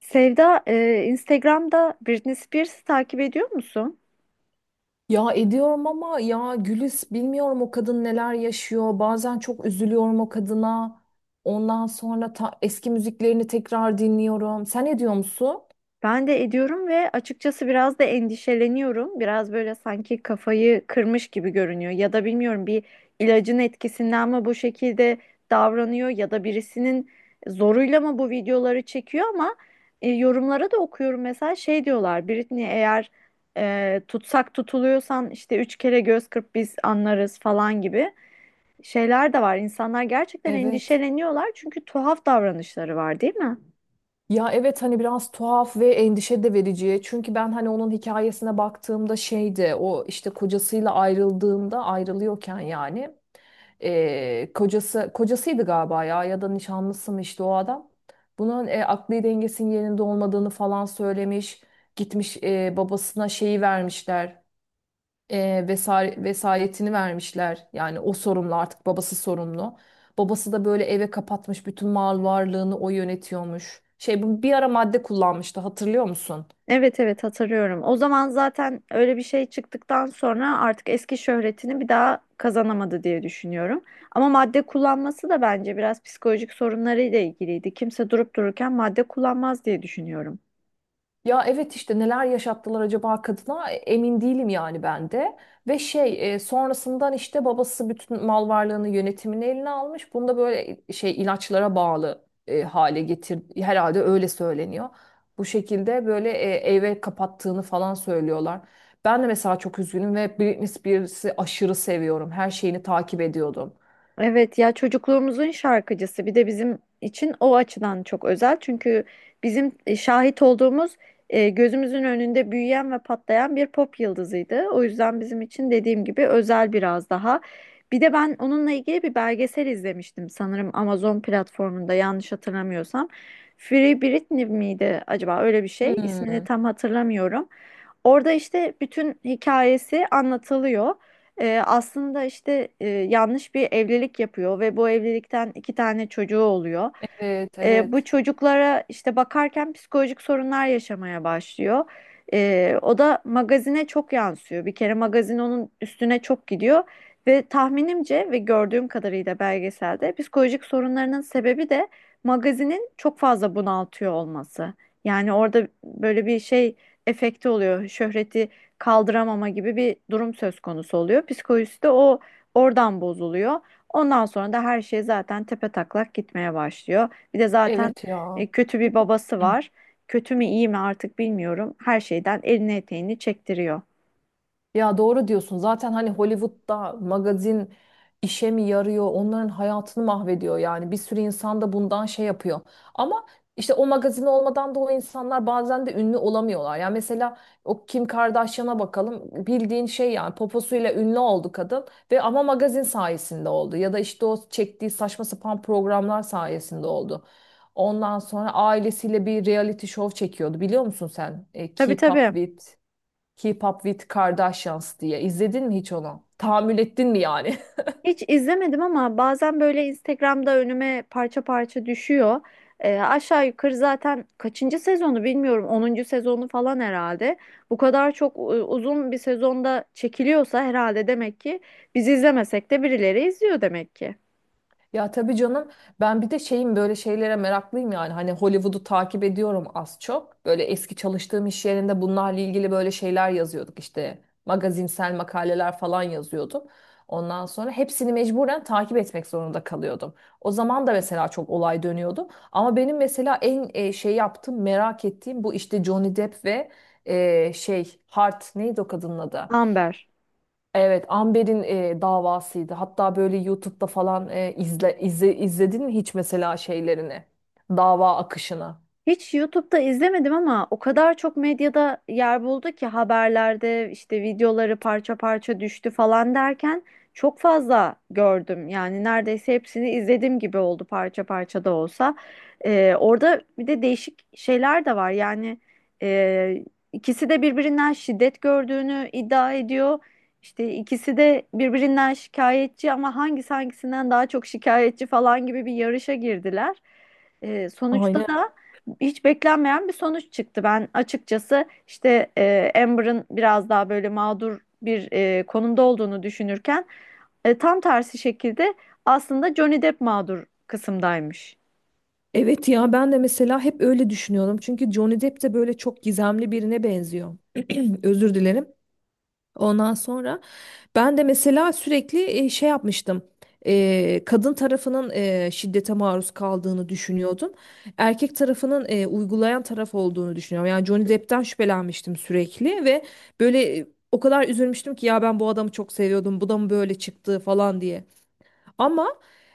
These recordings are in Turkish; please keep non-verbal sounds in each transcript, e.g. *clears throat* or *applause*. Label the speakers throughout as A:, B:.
A: Sevda, Instagram'da Britney Spears'ı takip ediyor musun?
B: Ya ediyorum ama ya Gülis bilmiyorum o kadın neler yaşıyor. Bazen çok üzülüyorum o kadına. Ondan sonra eski müziklerini tekrar dinliyorum. Sen ediyor musun?
A: Ben de ediyorum ve açıkçası biraz da endişeleniyorum. Biraz böyle sanki kafayı kırmış gibi görünüyor. Ya da bilmiyorum bir ilacın etkisinden mi bu şekilde davranıyor ya da birisinin zoruyla mı bu videoları çekiyor ama yorumlara da okuyorum mesela şey diyorlar Britney eğer tutsak tutuluyorsan işte üç kere göz kırp biz anlarız falan gibi şeyler de var. İnsanlar gerçekten
B: Evet.
A: endişeleniyorlar çünkü tuhaf davranışları var, değil mi?
B: Ya evet hani biraz tuhaf ve endişe de verici. Çünkü ben hani onun hikayesine baktığımda şeydi o işte kocasıyla ayrıldığında ayrılıyorken yani kocası kocasıydı galiba ya ya da nişanlısı mı işte o adam. Bunun akli dengesinin yerinde olmadığını falan söylemiş. Gitmiş babasına şeyi vermişler, vesayetini vermişler. Yani o sorumlu, artık babası sorumlu. Babası da böyle eve kapatmış, bütün mal varlığını o yönetiyormuş. Şey, bu bir ara madde kullanmıştı, hatırlıyor musun?
A: Evet, evet, hatırlıyorum. O zaman zaten öyle bir şey çıktıktan sonra artık eski şöhretini bir daha kazanamadı diye düşünüyorum. Ama madde kullanması da bence biraz psikolojik sorunlarıyla ilgiliydi. Kimse durup dururken madde kullanmaz diye düşünüyorum.
B: Ya evet, işte neler yaşattılar acaba kadına. Emin değilim yani ben de. Ve şey, sonrasından işte babası bütün mal varlığını, yönetimini eline almış. Bunu da böyle, şey, ilaçlara bağlı hale getir herhalde, öyle söyleniyor. Bu şekilde böyle eve kapattığını falan söylüyorlar. Ben de mesela çok üzgünüm ve Britney Spears'ı aşırı seviyorum. Her şeyini takip ediyordum.
A: Evet ya, çocukluğumuzun şarkıcısı bir de bizim için o açıdan çok özel. Çünkü bizim şahit olduğumuz, gözümüzün önünde büyüyen ve patlayan bir pop yıldızıydı. O yüzden bizim için, dediğim gibi, özel biraz daha. Bir de ben onunla ilgili bir belgesel izlemiştim sanırım Amazon platformunda, yanlış hatırlamıyorsam. Free Britney miydi acaba, öyle bir şey, ismini
B: Hmm.
A: tam hatırlamıyorum. Orada işte bütün hikayesi anlatılıyor. Aslında işte yanlış bir evlilik yapıyor ve bu evlilikten iki tane çocuğu oluyor.
B: Evet,
A: Bu
B: evet.
A: çocuklara işte bakarken psikolojik sorunlar yaşamaya başlıyor. O da magazine çok yansıyor. Bir kere magazin onun üstüne çok gidiyor ve tahminimce ve gördüğüm kadarıyla belgeselde psikolojik sorunlarının sebebi de magazinin çok fazla bunaltıyor olması. Yani orada böyle bir şey efekti oluyor. Şöhreti kaldıramama gibi bir durum söz konusu oluyor. Psikolojisi de oradan bozuluyor. Ondan sonra da her şey zaten tepe taklak gitmeye başlıyor. Bir de zaten
B: Evet ya. *laughs*
A: kötü bir babası
B: *clears throat*
A: var. Kötü mü iyi mi artık bilmiyorum. Her şeyden elini eteğini çektiriyor.
B: Ya doğru diyorsun. Zaten hani Hollywood'da magazin işe mi yarıyor? Onların hayatını mahvediyor yani. Bir sürü insan da bundan şey yapıyor. Ama işte o magazin olmadan da o insanlar bazen de ünlü olamıyorlar. Yani mesela o Kim Kardashian'a bakalım. Bildiğin şey yani, poposuyla ünlü oldu kadın ve ama magazin sayesinde oldu. Ya da işte o çektiği saçma sapan programlar sayesinde oldu. Ondan sonra ailesiyle bir reality show çekiyordu. Biliyor musun sen?
A: Tabii,
B: Keep Up
A: tabii.
B: With Keep Up with Kardashians diye. İzledin mi hiç onu? Tahammül ettin mi yani? *laughs*
A: Hiç izlemedim ama bazen böyle Instagram'da önüme parça parça düşüyor. Aşağı yukarı zaten kaçıncı sezonu bilmiyorum, onuncu sezonu falan herhalde. Bu kadar çok, uzun bir sezonda çekiliyorsa herhalde demek ki biz izlemesek de birileri izliyor demek ki.
B: Ya tabii canım, ben bir de şeyim, böyle şeylere meraklıyım yani. Hani Hollywood'u takip ediyorum az çok. Böyle eski çalıştığım iş yerinde bunlarla ilgili böyle şeyler yazıyorduk işte. Magazinsel makaleler falan yazıyordum. Ondan sonra hepsini mecburen takip etmek zorunda kalıyordum. O zaman da mesela çok olay dönüyordu. Ama benim mesela en şey yaptığım, merak ettiğim bu işte, Johnny Depp ve şey, Hart neydi o kadının adı?
A: Amber.
B: Evet, Amber'in davasıydı. Hatta böyle YouTube'da falan izledin mi hiç mesela şeylerini? Dava akışını.
A: Hiç YouTube'da izlemedim ama o kadar çok medyada yer buldu ki, haberlerde işte videoları parça parça düştü falan derken çok fazla gördüm. Yani neredeyse hepsini izlediğim gibi oldu, parça parça da olsa. Orada bir de değişik şeyler de var. Yani e, ikisi de birbirinden şiddet gördüğünü iddia ediyor. İşte ikisi de birbirinden şikayetçi ama hangisi hangisinden daha çok şikayetçi falan gibi bir yarışa girdiler. Sonuçta
B: Aynen.
A: da hiç beklenmeyen bir sonuç çıktı. Ben açıkçası işte Amber'ın biraz daha böyle mağdur bir, konumda olduğunu düşünürken tam tersi şekilde aslında Johnny Depp mağdur kısımdaymış.
B: Evet ya, ben de mesela hep öyle düşünüyorum. Çünkü Johnny Depp de böyle çok gizemli birine benziyor. *clears throat* Özür dilerim. Ondan sonra ben de mesela sürekli şey yapmıştım. Kadın tarafının şiddete maruz kaldığını düşünüyordum. Erkek tarafının uygulayan taraf olduğunu düşünüyorum. Yani Johnny Depp'ten şüphelenmiştim sürekli ve böyle o kadar üzülmüştüm ki ya, ben bu adamı çok seviyordum. Bu da mı böyle çıktı falan diye. Ama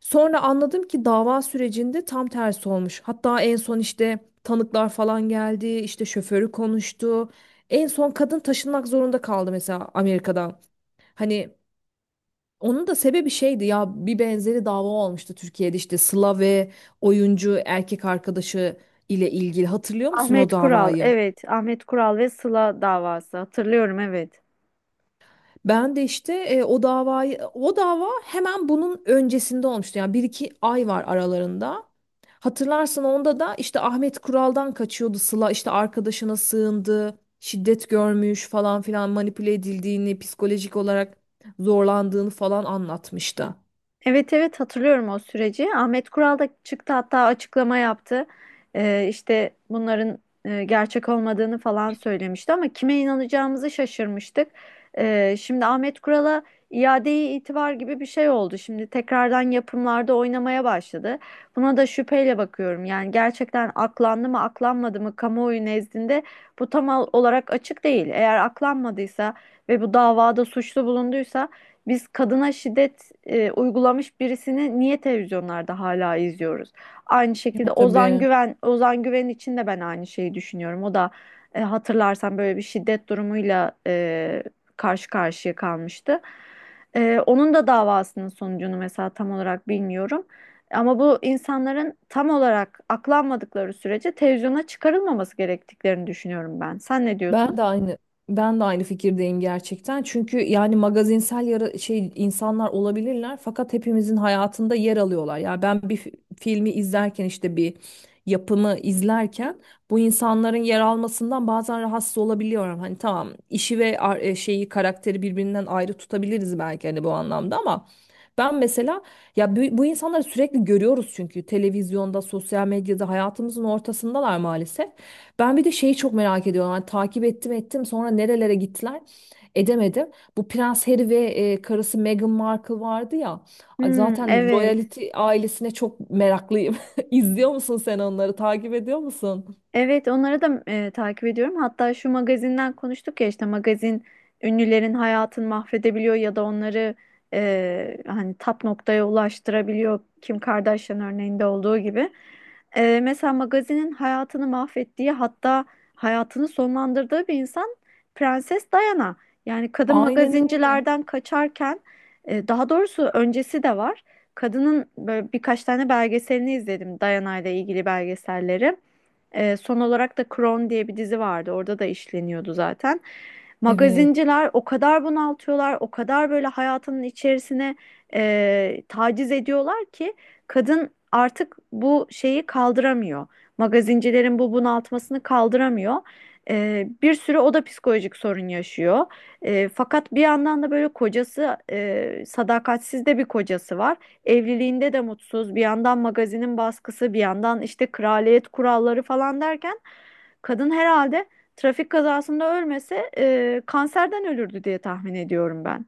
B: sonra anladım ki dava sürecinde tam tersi olmuş. Hatta en son işte tanıklar falan geldi, işte şoförü konuştu. En son kadın taşınmak zorunda kaldı mesela Amerika'dan. Hani onun da sebebi şeydi ya, bir benzeri dava olmuştu Türkiye'de, işte Sıla ve oyuncu erkek arkadaşı ile ilgili, hatırlıyor musun o
A: Ahmet Kural,
B: davayı?
A: evet, Ahmet Kural ve Sıla davası, hatırlıyorum, evet.
B: Ben de işte o dava hemen bunun öncesinde olmuştu yani, bir iki ay var aralarında. Hatırlarsın, onda da işte Ahmet Kural'dan kaçıyordu Sıla, işte arkadaşına sığındı, şiddet görmüş falan filan, manipüle edildiğini, psikolojik olarak zorlandığını falan anlatmıştı.
A: Evet, evet, hatırlıyorum o süreci. Ahmet Kural da çıktı, hatta açıklama yaptı. İşte bunların gerçek olmadığını falan söylemişti ama kime inanacağımızı şaşırmıştık. Şimdi Ahmet Kural'a iade-i itibar gibi bir şey oldu. Şimdi tekrardan yapımlarda oynamaya başladı. Buna da şüpheyle bakıyorum. Yani gerçekten aklandı mı aklanmadı mı, kamuoyu nezdinde bu tam olarak açık değil. Eğer aklanmadıysa ve bu davada suçlu bulunduysa biz kadına şiddet uygulamış birisini niye televizyonlarda hala izliyoruz? Aynı şekilde
B: Ya
A: Ozan
B: tabii.
A: Güven, Ozan Güven için de ben aynı şeyi düşünüyorum. O da hatırlarsan böyle bir şiddet durumuyla karşı karşıya kalmıştı. Onun da davasının sonucunu mesela tam olarak bilmiyorum. Ama bu insanların tam olarak aklanmadıkları sürece televizyona çıkarılmaması gerektiklerini düşünüyorum ben. Sen ne
B: Ben
A: diyorsun?
B: de aynı Ben de aynı fikirdeyim gerçekten. Çünkü yani magazinsel yara şey insanlar olabilirler, fakat hepimizin hayatında yer alıyorlar. Ya ben bir filmi izlerken, işte bir yapımı izlerken bu insanların yer almasından bazen rahatsız olabiliyorum. Hani tamam, işi ve şeyi, karakteri birbirinden ayrı tutabiliriz belki hani bu anlamda, ama ben mesela ya bu insanları sürekli görüyoruz çünkü televizyonda, sosyal medyada hayatımızın ortasındalar maalesef. Ben bir de şeyi çok merak ediyorum. Hani takip ettim sonra nerelere gittiler, edemedim. Bu Prens Harry ve karısı Meghan Markle vardı ya. Ay,
A: Hmm,
B: zaten
A: evet.
B: royalty ailesine çok meraklıyım. *laughs* İzliyor musun sen onları? Takip ediyor musun?
A: Evet, onları da takip ediyorum. Hatta şu magazinden konuştuk ya, işte magazin ünlülerin hayatını mahvedebiliyor ya da onları hani tap noktaya ulaştırabiliyor. Kim Kardashian örneğinde olduğu gibi. E, mesela magazinin hayatını mahvettiği, hatta hayatını sonlandırdığı bir insan Prenses Diana. Yani kadın
B: Aynen öyle.
A: magazincilerden kaçarken, daha doğrusu öncesi de var. Kadının böyle birkaç tane belgeselini izledim, Diana ile ilgili belgeselleri. Son olarak da Crown diye bir dizi vardı. Orada da işleniyordu zaten.
B: Evet.
A: Magazinciler o kadar bunaltıyorlar, o kadar böyle hayatının içerisine taciz ediyorlar ki kadın artık bu şeyi kaldıramıyor. Magazincilerin bu bunaltmasını kaldıramıyor. Bir sürü o da psikolojik sorun yaşıyor. Fakat bir yandan da böyle kocası, sadakatsiz de bir kocası var. Evliliğinde de mutsuz. Bir yandan magazinin baskısı, bir yandan işte kraliyet kuralları falan derken kadın herhalde trafik kazasında ölmese kanserden ölürdü diye tahmin ediyorum ben.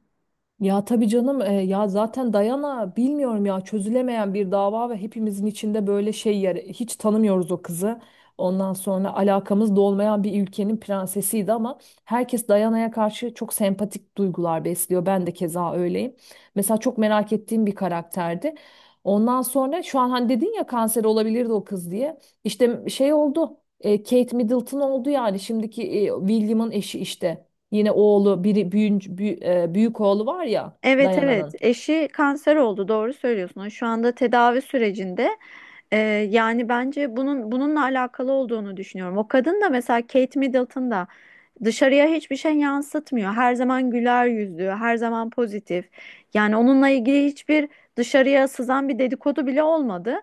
B: Ya tabii canım, ya zaten Dayana, bilmiyorum ya, çözülemeyen bir dava ve hepimizin içinde böyle şey yer, hiç tanımıyoruz o kızı. Ondan sonra alakamız da olmayan bir ülkenin prensesiydi ama herkes Dayana'ya karşı çok sempatik duygular besliyor. Ben de keza öyleyim. Mesela çok merak ettiğim bir karakterdi. Ondan sonra şu an hani dedin ya kanser olabilirdi o kız diye. İşte şey oldu. Kate Middleton oldu, yani şimdiki William'ın eşi işte. Yine oğlu biri büyük oğlu var ya
A: Evet, evet,
B: Dayana'nın.
A: eşi kanser oldu, doğru söylüyorsun. O şu anda tedavi sürecinde. Ee, yani bence bunun bununla alakalı olduğunu düşünüyorum. O kadın da, mesela Kate Middleton da dışarıya hiçbir şey yansıtmıyor. Her zaman güler yüzlü, her zaman pozitif. Yani onunla ilgili hiçbir dışarıya sızan bir dedikodu bile olmadı.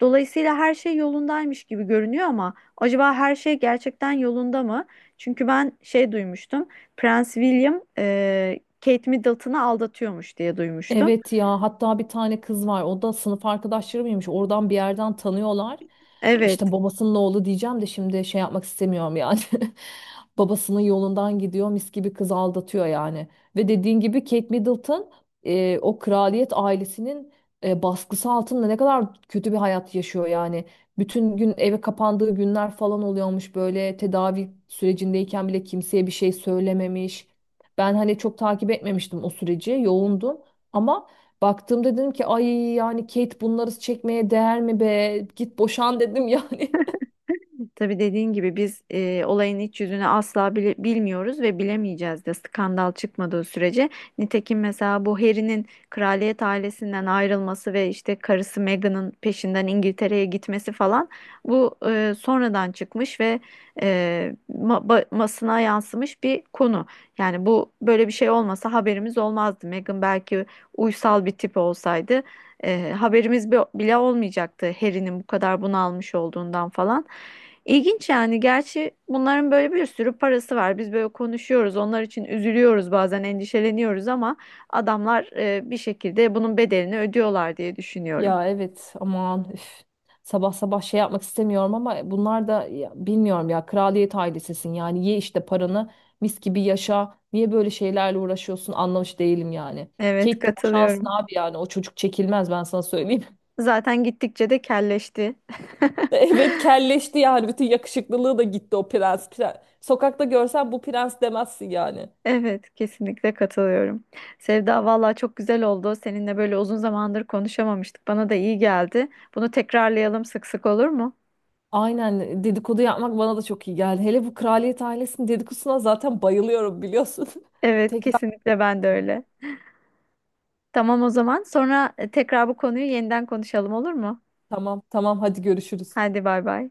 A: Dolayısıyla her şey yolundaymış gibi görünüyor ama acaba her şey gerçekten yolunda mı? Çünkü ben şey duymuştum. Prens William Kate Middleton'ı aldatıyormuş diye duymuştum.
B: Evet ya, hatta bir tane kız var, o da sınıf arkadaşları mıymış, oradan bir yerden tanıyorlar.
A: Evet.
B: İşte babasının oğlu diyeceğim de, şimdi şey yapmak istemiyorum yani. *laughs* Babasının yolundan gidiyor, mis gibi kız aldatıyor yani. Ve dediğin gibi Kate Middleton o kraliyet ailesinin baskısı altında ne kadar kötü bir hayat yaşıyor yani. Bütün gün eve kapandığı günler falan oluyormuş, böyle tedavi sürecindeyken bile kimseye bir şey söylememiş. Ben hani çok takip etmemiştim o süreci, yoğundum. Ama baktığımda dedim ki ay, yani Kate, bunları çekmeye değer mi be? Git boşan dedim yani. *laughs*
A: Tabii, dediğin gibi biz olayın iç yüzünü asla bilmiyoruz ve bilemeyeceğiz de, skandal çıkmadığı sürece. Nitekim mesela bu Harry'nin kraliyet ailesinden ayrılması ve işte karısı Meghan'ın peşinden İngiltere'ye gitmesi falan, bu sonradan çıkmış ve e, basına yansımış bir konu. Yani bu böyle bir şey olmasa haberimiz olmazdı. Meghan belki uysal bir tip olsaydı haberimiz bile olmayacaktı Harry'nin bu kadar bunalmış olduğundan falan. İlginç yani. Gerçi bunların böyle bir sürü parası var. Biz böyle konuşuyoruz. Onlar için üzülüyoruz, bazen endişeleniyoruz ama adamlar bir şekilde bunun bedelini ödüyorlar diye düşünüyorum.
B: Ya evet, aman üf. Sabah sabah şey yapmak istemiyorum ama bunlar da ya, bilmiyorum ya, kraliyet ailesesin yani, ye işte paranı, mis gibi yaşa. Niye böyle şeylerle uğraşıyorsun, anlamış değilim yani.
A: Evet,
B: Kate de boşansın
A: katılıyorum.
B: abi yani, o çocuk çekilmez ben sana söyleyeyim.
A: Zaten gittikçe de kelleşti.
B: *laughs*
A: *laughs*
B: Evet, kelleşti yani, bütün yakışıklılığı da gitti o prens. Sokakta görsen bu prens demezsin yani.
A: Evet, kesinlikle katılıyorum. Sevda, vallahi çok güzel oldu. Seninle böyle uzun zamandır konuşamamıştık. Bana da iyi geldi. Bunu tekrarlayalım sık sık, olur mu?
B: Aynen, dedikodu yapmak bana da çok iyi geldi. Hele bu kraliyet ailesinin dedikodusuna zaten bayılıyorum biliyorsun. *laughs*
A: Evet,
B: Tekrar,
A: kesinlikle ben de öyle. Tamam, o zaman. Sonra tekrar bu konuyu yeniden konuşalım, olur mu?
B: tamam tamam, hadi görüşürüz.
A: Hadi, bay bay.